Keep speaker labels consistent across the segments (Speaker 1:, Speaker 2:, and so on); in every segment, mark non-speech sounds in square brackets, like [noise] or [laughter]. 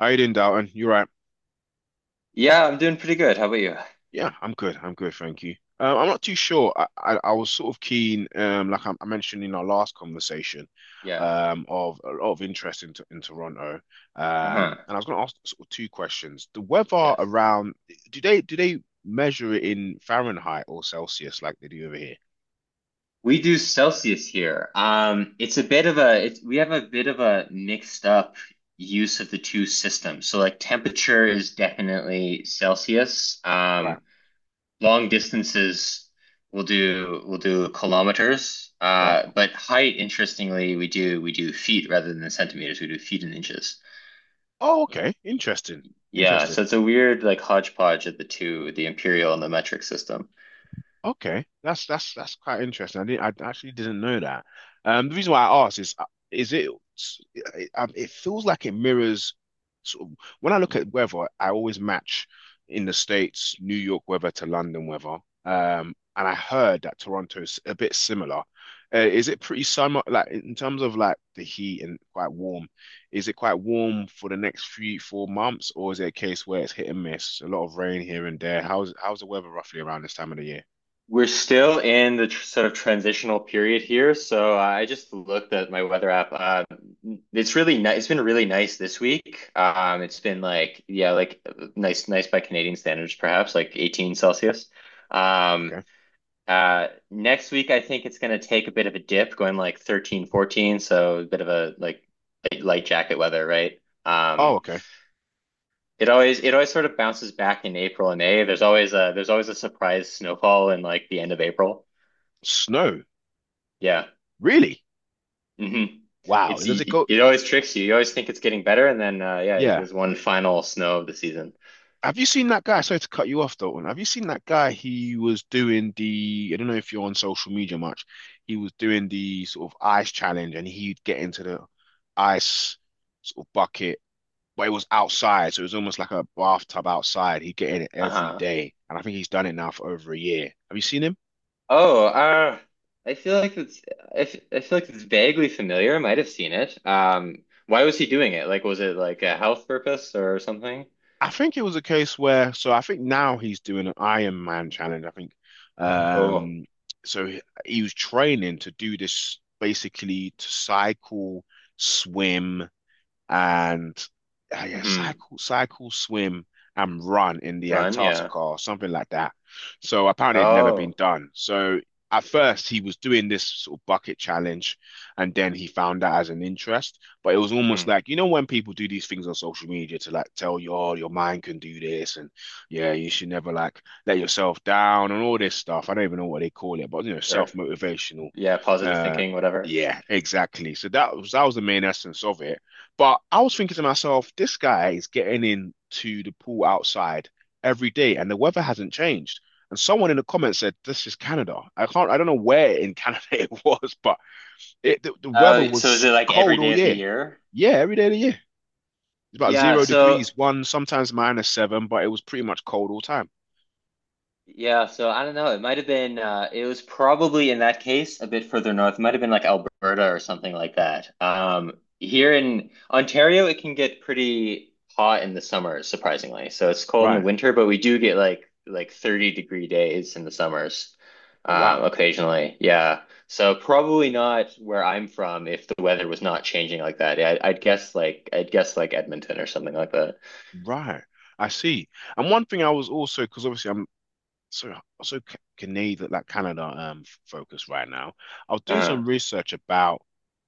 Speaker 1: How you doing, Dalton? You're right.
Speaker 2: Yeah, I'm doing pretty good. How about you?
Speaker 1: Yeah, I'm good. I'm good, thank you. I'm not too sure. I was sort of keen, like I mentioned in our last conversation,
Speaker 2: Yeah.
Speaker 1: of a lot of interest in Toronto.
Speaker 2: Uh-huh.
Speaker 1: And I was going to ask sort of two questions. The weather
Speaker 2: Yes.
Speaker 1: around, do they measure it in Fahrenheit or Celsius like they do over here?
Speaker 2: We do Celsius here. It's a bit of a it's we have a bit of a mixed up use of the two systems. So like temperature is definitely Celsius.
Speaker 1: Right,
Speaker 2: Long distances we'll do kilometers.
Speaker 1: right.
Speaker 2: But height, interestingly, we do feet rather than centimeters. We do feet and inches.
Speaker 1: Oh, okay. Interesting.
Speaker 2: Yeah, so
Speaker 1: Interesting.
Speaker 2: it's a weird like hodgepodge of the two, the imperial and the metric system.
Speaker 1: Okay, that's quite interesting. I actually didn't know that. The reason why I asked is, is it, it feels like it mirrors. Sort of, when I look at weather, I always match in the States New York weather to London weather. And I heard that Toronto's a bit similar. Is it pretty summer, like in terms of like the heat and quite warm? Is it quite warm for the next 3, 4 months, or is it a case where it's hit and miss, a lot of rain here and there? How's the weather roughly around this time of the year?
Speaker 2: We're still in the tr sort of transitional period here, so I just looked at my weather app. It's really nice. It's been really nice this week. It's been like yeah, like nice by Canadian standards, perhaps like 18 Celsius. Um,
Speaker 1: Okay.
Speaker 2: next week I think it's gonna take a bit of a dip, going like 13, 14. So a bit of a like light jacket weather, right?
Speaker 1: Oh,
Speaker 2: Um,
Speaker 1: okay.
Speaker 2: it always sort of bounces back in April and May. There's always a surprise snowfall in like the end of April.
Speaker 1: Snow.
Speaker 2: Yeah.
Speaker 1: Really?
Speaker 2: Mm-hmm.
Speaker 1: Wow. Does it go?
Speaker 2: It always tricks you. You always think it's getting better, and then yeah,
Speaker 1: Yeah.
Speaker 2: there's one final snow of the season.
Speaker 1: Have you seen that guy? Sorry to cut you off, Dalton. Have you seen that guy? He was doing the, I don't know if you're on social media much. He was doing the sort of ice challenge and he'd get into the ice sort of bucket, but it was outside. So it was almost like a bathtub outside. He'd get in it every
Speaker 2: Uh-huh.
Speaker 1: day. And I think he's done it now for over a year. Have you seen him?
Speaker 2: Oh, uh, I feel like it's I feel like it's vaguely familiar. I might have seen it. Why was he doing it? Like, was it like a health purpose or something?
Speaker 1: I think it was a case where, so I think now he's doing an Iron Man challenge. I think,
Speaker 2: Oh,
Speaker 1: um, so he was training to do this basically to cycle, swim, and yeah,
Speaker 2: mm-hmm.
Speaker 1: swim, and run in the
Speaker 2: Run, yeah.
Speaker 1: Antarctica or something like that. So apparently, it'd never been
Speaker 2: Oh,
Speaker 1: done. So at first, he was doing this sort of bucket challenge, and then he found that as an interest. But it was almost
Speaker 2: mm-hmm.
Speaker 1: like you know when people do these things on social media to like tell you, oh, your mind can do this, and yeah, you should never like let yourself down and all this stuff. I don't even know what they call it, but you know,
Speaker 2: Sure.
Speaker 1: self-motivational.
Speaker 2: Yeah, positive
Speaker 1: Uh,
Speaker 2: thinking, whatever.
Speaker 1: yeah, exactly. So that was the main essence of it. But I was thinking to myself, this guy is getting in to the pool outside every day, and the weather hasn't changed. And someone in the comments said, "This is Canada." I don't know where in Canada [laughs] it was, but the weather
Speaker 2: So is
Speaker 1: was
Speaker 2: it like every
Speaker 1: cold all
Speaker 2: day of the
Speaker 1: year.
Speaker 2: year?
Speaker 1: Yeah, every day of the year. It's about
Speaker 2: Yeah,
Speaker 1: zero
Speaker 2: so.
Speaker 1: degrees, one sometimes -7, but it was pretty much cold all time.
Speaker 2: Yeah, so I don't know. It might have been it was probably in that case a bit further north. It might have been like Alberta or something like that. Um, here in Ontario it can get pretty hot in the summer, surprisingly. So it's cold in the
Speaker 1: Right.
Speaker 2: winter, but we do get like 30-degree days in the summers
Speaker 1: Oh wow.
Speaker 2: occasionally. Yeah. So probably not where I'm from if the weather was not changing like that. I'd guess I'd guess like Edmonton or something like that.
Speaker 1: Right. I see. And one thing I was also, because obviously I'm so so Canada, like Canada, focus right now. I was doing
Speaker 2: Uh-huh.
Speaker 1: some research about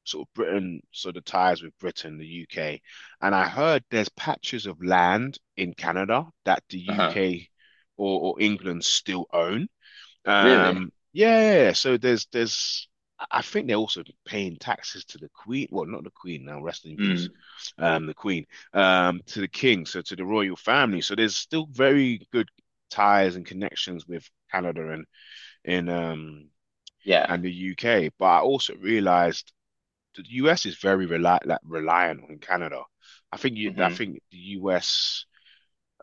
Speaker 1: sort of Britain, so the ties with Britain, the UK, and I heard there's patches of land in Canada that the
Speaker 2: Uh-huh.
Speaker 1: UK or England still own.
Speaker 2: Really?
Speaker 1: Yeah, yeah, yeah. so there's I think they're also paying taxes to the Queen. Well, not the Queen now, rest in peace.
Speaker 2: Mm.
Speaker 1: Um, the Queen, to the King, so to the royal family. So there's still very good ties and connections with Canada in um
Speaker 2: Yeah.
Speaker 1: and the UK. But I also realized the US is very reli like reliant on Canada. I
Speaker 2: Mhm.
Speaker 1: think the US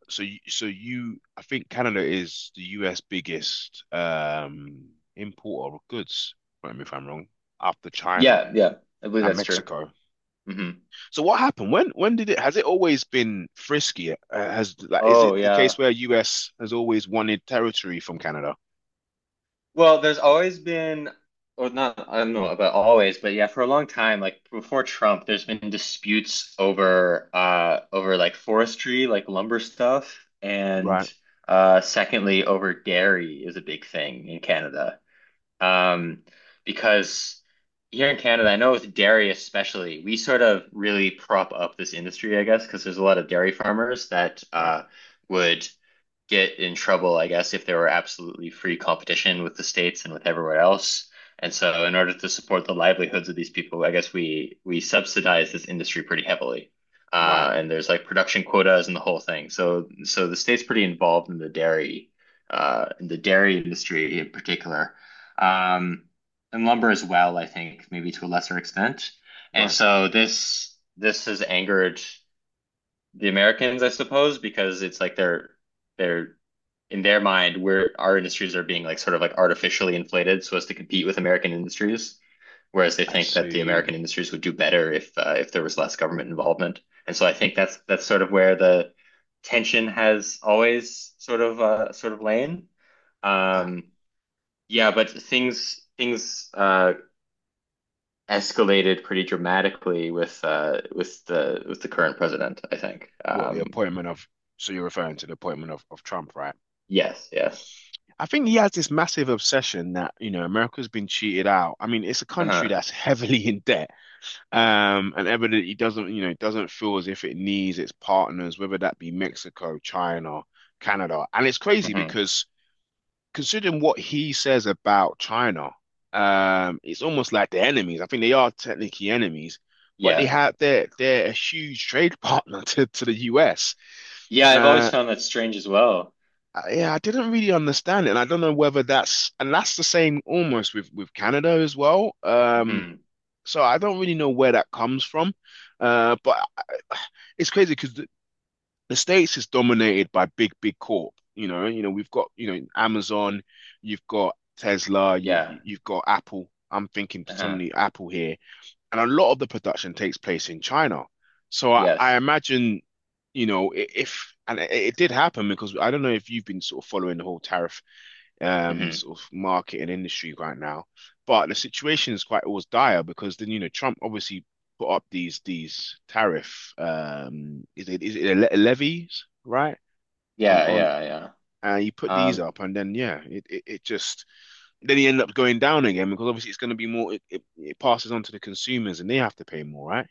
Speaker 1: so you, so you I think Canada is the US biggest importer of goods, correct me if I'm wrong, after China
Speaker 2: Yeah, yeah, I believe
Speaker 1: and
Speaker 2: that's true.
Speaker 1: Mexico.
Speaker 2: Hmm.
Speaker 1: So what happened? When did it has it always been frisky? Has like is
Speaker 2: Oh,
Speaker 1: it the
Speaker 2: yeah.
Speaker 1: case where US has always wanted territory from Canada?
Speaker 2: Well, there's always been, or not, I don't know about always, but yeah, for a long time, like before Trump, there's been disputes over, over like forestry, like lumber stuff, and
Speaker 1: Right,
Speaker 2: secondly, over dairy is a big thing in Canada, um, because. Here in Canada, I know with dairy especially, we sort of really prop up this industry, I guess, because there's a lot of dairy farmers that
Speaker 1: right,
Speaker 2: would get in trouble, I guess, if there were absolutely free competition with the states and with everywhere else. And so, in order to support the livelihoods of these people, I guess we subsidize this industry pretty heavily.
Speaker 1: right,
Speaker 2: And there's like production quotas and the whole thing. So, the state's pretty involved in the dairy industry in particular, um, and lumber as well. I think maybe to a lesser extent. And
Speaker 1: right.
Speaker 2: so this has angered the Americans, I suppose, because it's like they're in their mind, where our industries are being like sort of like artificially inflated so as to compete with American industries, whereas they
Speaker 1: I
Speaker 2: think that the American
Speaker 1: see.
Speaker 2: industries would do better if there was less government involvement. And so I think that's sort of where the tension has always sort of lain.
Speaker 1: Ah,
Speaker 2: Um, yeah, but things escalated pretty dramatically with the current president, I think.
Speaker 1: what the appointment of So you're referring to the appointment of Trump, right?
Speaker 2: Yes, yes.
Speaker 1: I think he has this massive obsession that, you know, America's been cheated out. I mean, it's a country
Speaker 2: Uh-huh.
Speaker 1: that's [laughs] heavily in debt. And evidently doesn't, you know, doesn't feel as if it needs its partners, whether that be Mexico, China, Canada. And it's crazy
Speaker 2: Hmm.
Speaker 1: because considering what he says about China, it's almost like they're enemies. I think they are technically enemies, but
Speaker 2: Yeah.
Speaker 1: they're a huge trade [laughs] partner to the US.
Speaker 2: Yeah, I've always
Speaker 1: Um
Speaker 2: found that strange as well.
Speaker 1: yeah, I didn't really understand it, and I don't know whether that's and that's the same almost with Canada as well.
Speaker 2: Hmm.
Speaker 1: So I don't really know where that comes from, but it's crazy because the States is dominated by big corp. You know we've got you know Amazon, you've got Tesla,
Speaker 2: Yeah.
Speaker 1: you've got Apple. I'm thinking
Speaker 2: Uh-huh.
Speaker 1: particularly Apple here, and a lot of the production takes place in China. So I
Speaker 2: Yes.
Speaker 1: imagine, you know, I- if and it did happen because I don't know if you've been sort of following the whole tariff
Speaker 2: Hmm.
Speaker 1: sort of market and industry right now. But the situation is quite always dire because then you know Trump obviously put up these tariff is it levies right on
Speaker 2: Yeah, yeah, yeah.
Speaker 1: and he put these
Speaker 2: Um,
Speaker 1: up and then yeah it just then he ended up going down again because obviously it's going to be more it passes on to the consumers and they have to pay more right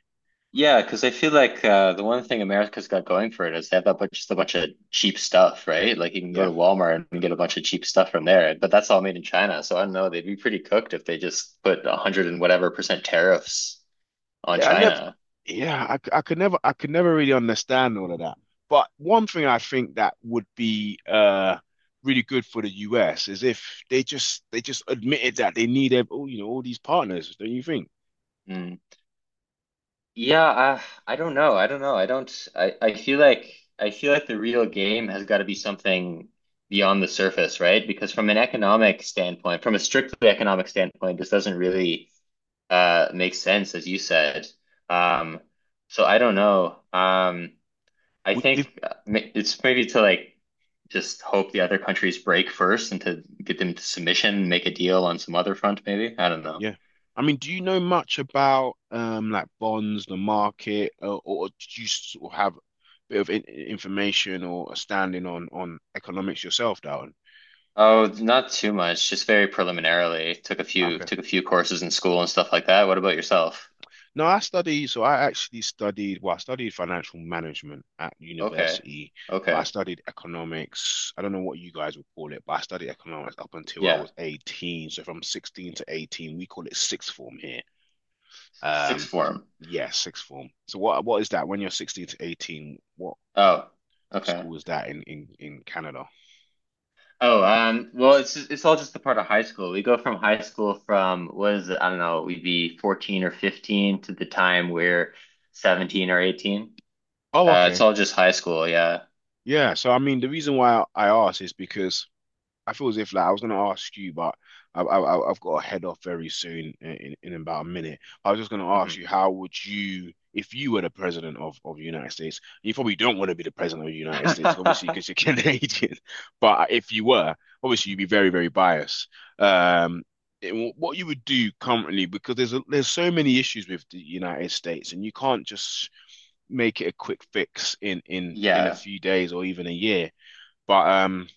Speaker 2: yeah, because I feel like the one thing America's got going for it is they have that bunch, just a bunch of cheap stuff, right? Like you can go
Speaker 1: yeah.
Speaker 2: to Walmart and get a bunch of cheap stuff from there, but that's all made in China. So I don't know, they'd be pretty cooked if they just put a hundred and whatever percent tariffs on
Speaker 1: Yeah, I never.
Speaker 2: China.
Speaker 1: I could never. I could never really understand all of that. But one thing I think that would be really good for the US is if they just admitted that they need all you know all these partners. Don't you think?
Speaker 2: Yeah, I don't know. I don't know. I don't I feel like the real game has got to be something beyond the surface, right? Because from an economic standpoint, from a strictly economic standpoint, this doesn't really make sense, as you said. Um, so I don't know. I
Speaker 1: We- If
Speaker 2: think it's maybe to like just hope the other countries break first and to get them to submission, make a deal on some other front, maybe. I don't know.
Speaker 1: Yeah, I mean, do you know much about like bonds, the market, or do you sort of have a bit of in information or a standing on economics yourself, Darwin?
Speaker 2: Oh, not too much, just very preliminarily.
Speaker 1: Okay.
Speaker 2: Took a few courses in school and stuff like that. What about yourself?
Speaker 1: No, I study, so I actually studied, well, I studied financial management at
Speaker 2: Okay.
Speaker 1: university, but I
Speaker 2: Okay.
Speaker 1: studied economics. I don't know what you guys would call it, but I studied economics up until I
Speaker 2: Yeah.
Speaker 1: was 18. So from 16 to 18, we call it sixth form here.
Speaker 2: Sixth
Speaker 1: Um,
Speaker 2: form.
Speaker 1: yeah, sixth form. So what is that when you're 16 to 18? What
Speaker 2: Oh. Okay.
Speaker 1: school is that in Canada?
Speaker 2: Oh, well, it's all just the part of high school. We go from high school from what is it? I don't know, we'd be 14 or 15 to the time we're 17 or 18.
Speaker 1: Oh,
Speaker 2: It's
Speaker 1: okay.
Speaker 2: all just high school, yeah.
Speaker 1: Yeah, so I mean the reason why I asked is because I feel as if like I was gonna ask you, but I've got to head off very soon in about a minute. I was just gonna ask you,
Speaker 2: Hmm.
Speaker 1: how would you, if you were the president of the United States, you probably don't want to be the president of the United States, obviously, because you're [laughs]
Speaker 2: [laughs]
Speaker 1: Canadian. But if you were, obviously, you'd be very biased. Um, what you would do currently, because there's so many issues with the United States, and you can't just make it a quick fix in a
Speaker 2: Yeah.
Speaker 1: few days or even a year. But.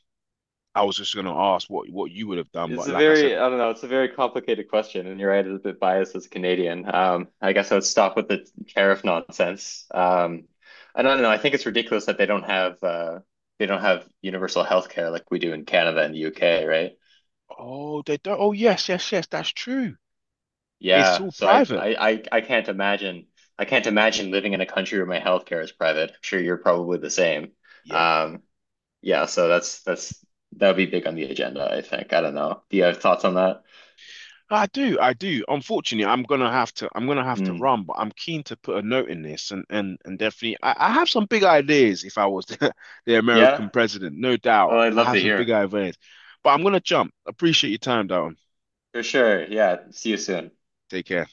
Speaker 1: I was just going to ask what you would have done,
Speaker 2: It's
Speaker 1: but
Speaker 2: a
Speaker 1: like I said,
Speaker 2: very, I don't know, it's a very complicated question, and you're right, it's a bit biased as a Canadian. I guess I would stop with the tariff nonsense. And I don't know, I think it's ridiculous that they don't have universal health care like we do in Canada and the UK, right?
Speaker 1: oh, they don't. Oh, yes, yes, yes, that's true. It's
Speaker 2: Yeah,
Speaker 1: all
Speaker 2: so
Speaker 1: private.
Speaker 2: I can't imagine living in a country where my healthcare is private. I'm sure you're probably the same.
Speaker 1: Yeah,
Speaker 2: Um, yeah, so that would be big on the agenda, I think. I don't know. Do you have thoughts on that?
Speaker 1: I do. Unfortunately, I'm gonna have to
Speaker 2: Mm.
Speaker 1: run, but I'm keen to put a note in this, and definitely, I have some big ideas. If I was [laughs] the
Speaker 2: Yeah.
Speaker 1: American president, no
Speaker 2: Oh,
Speaker 1: doubt,
Speaker 2: I'd
Speaker 1: I
Speaker 2: love
Speaker 1: have
Speaker 2: to
Speaker 1: some big
Speaker 2: hear.
Speaker 1: ideas. But I'm gonna jump. Appreciate your time, Darren.
Speaker 2: For sure. Yeah. See you soon.
Speaker 1: Take care.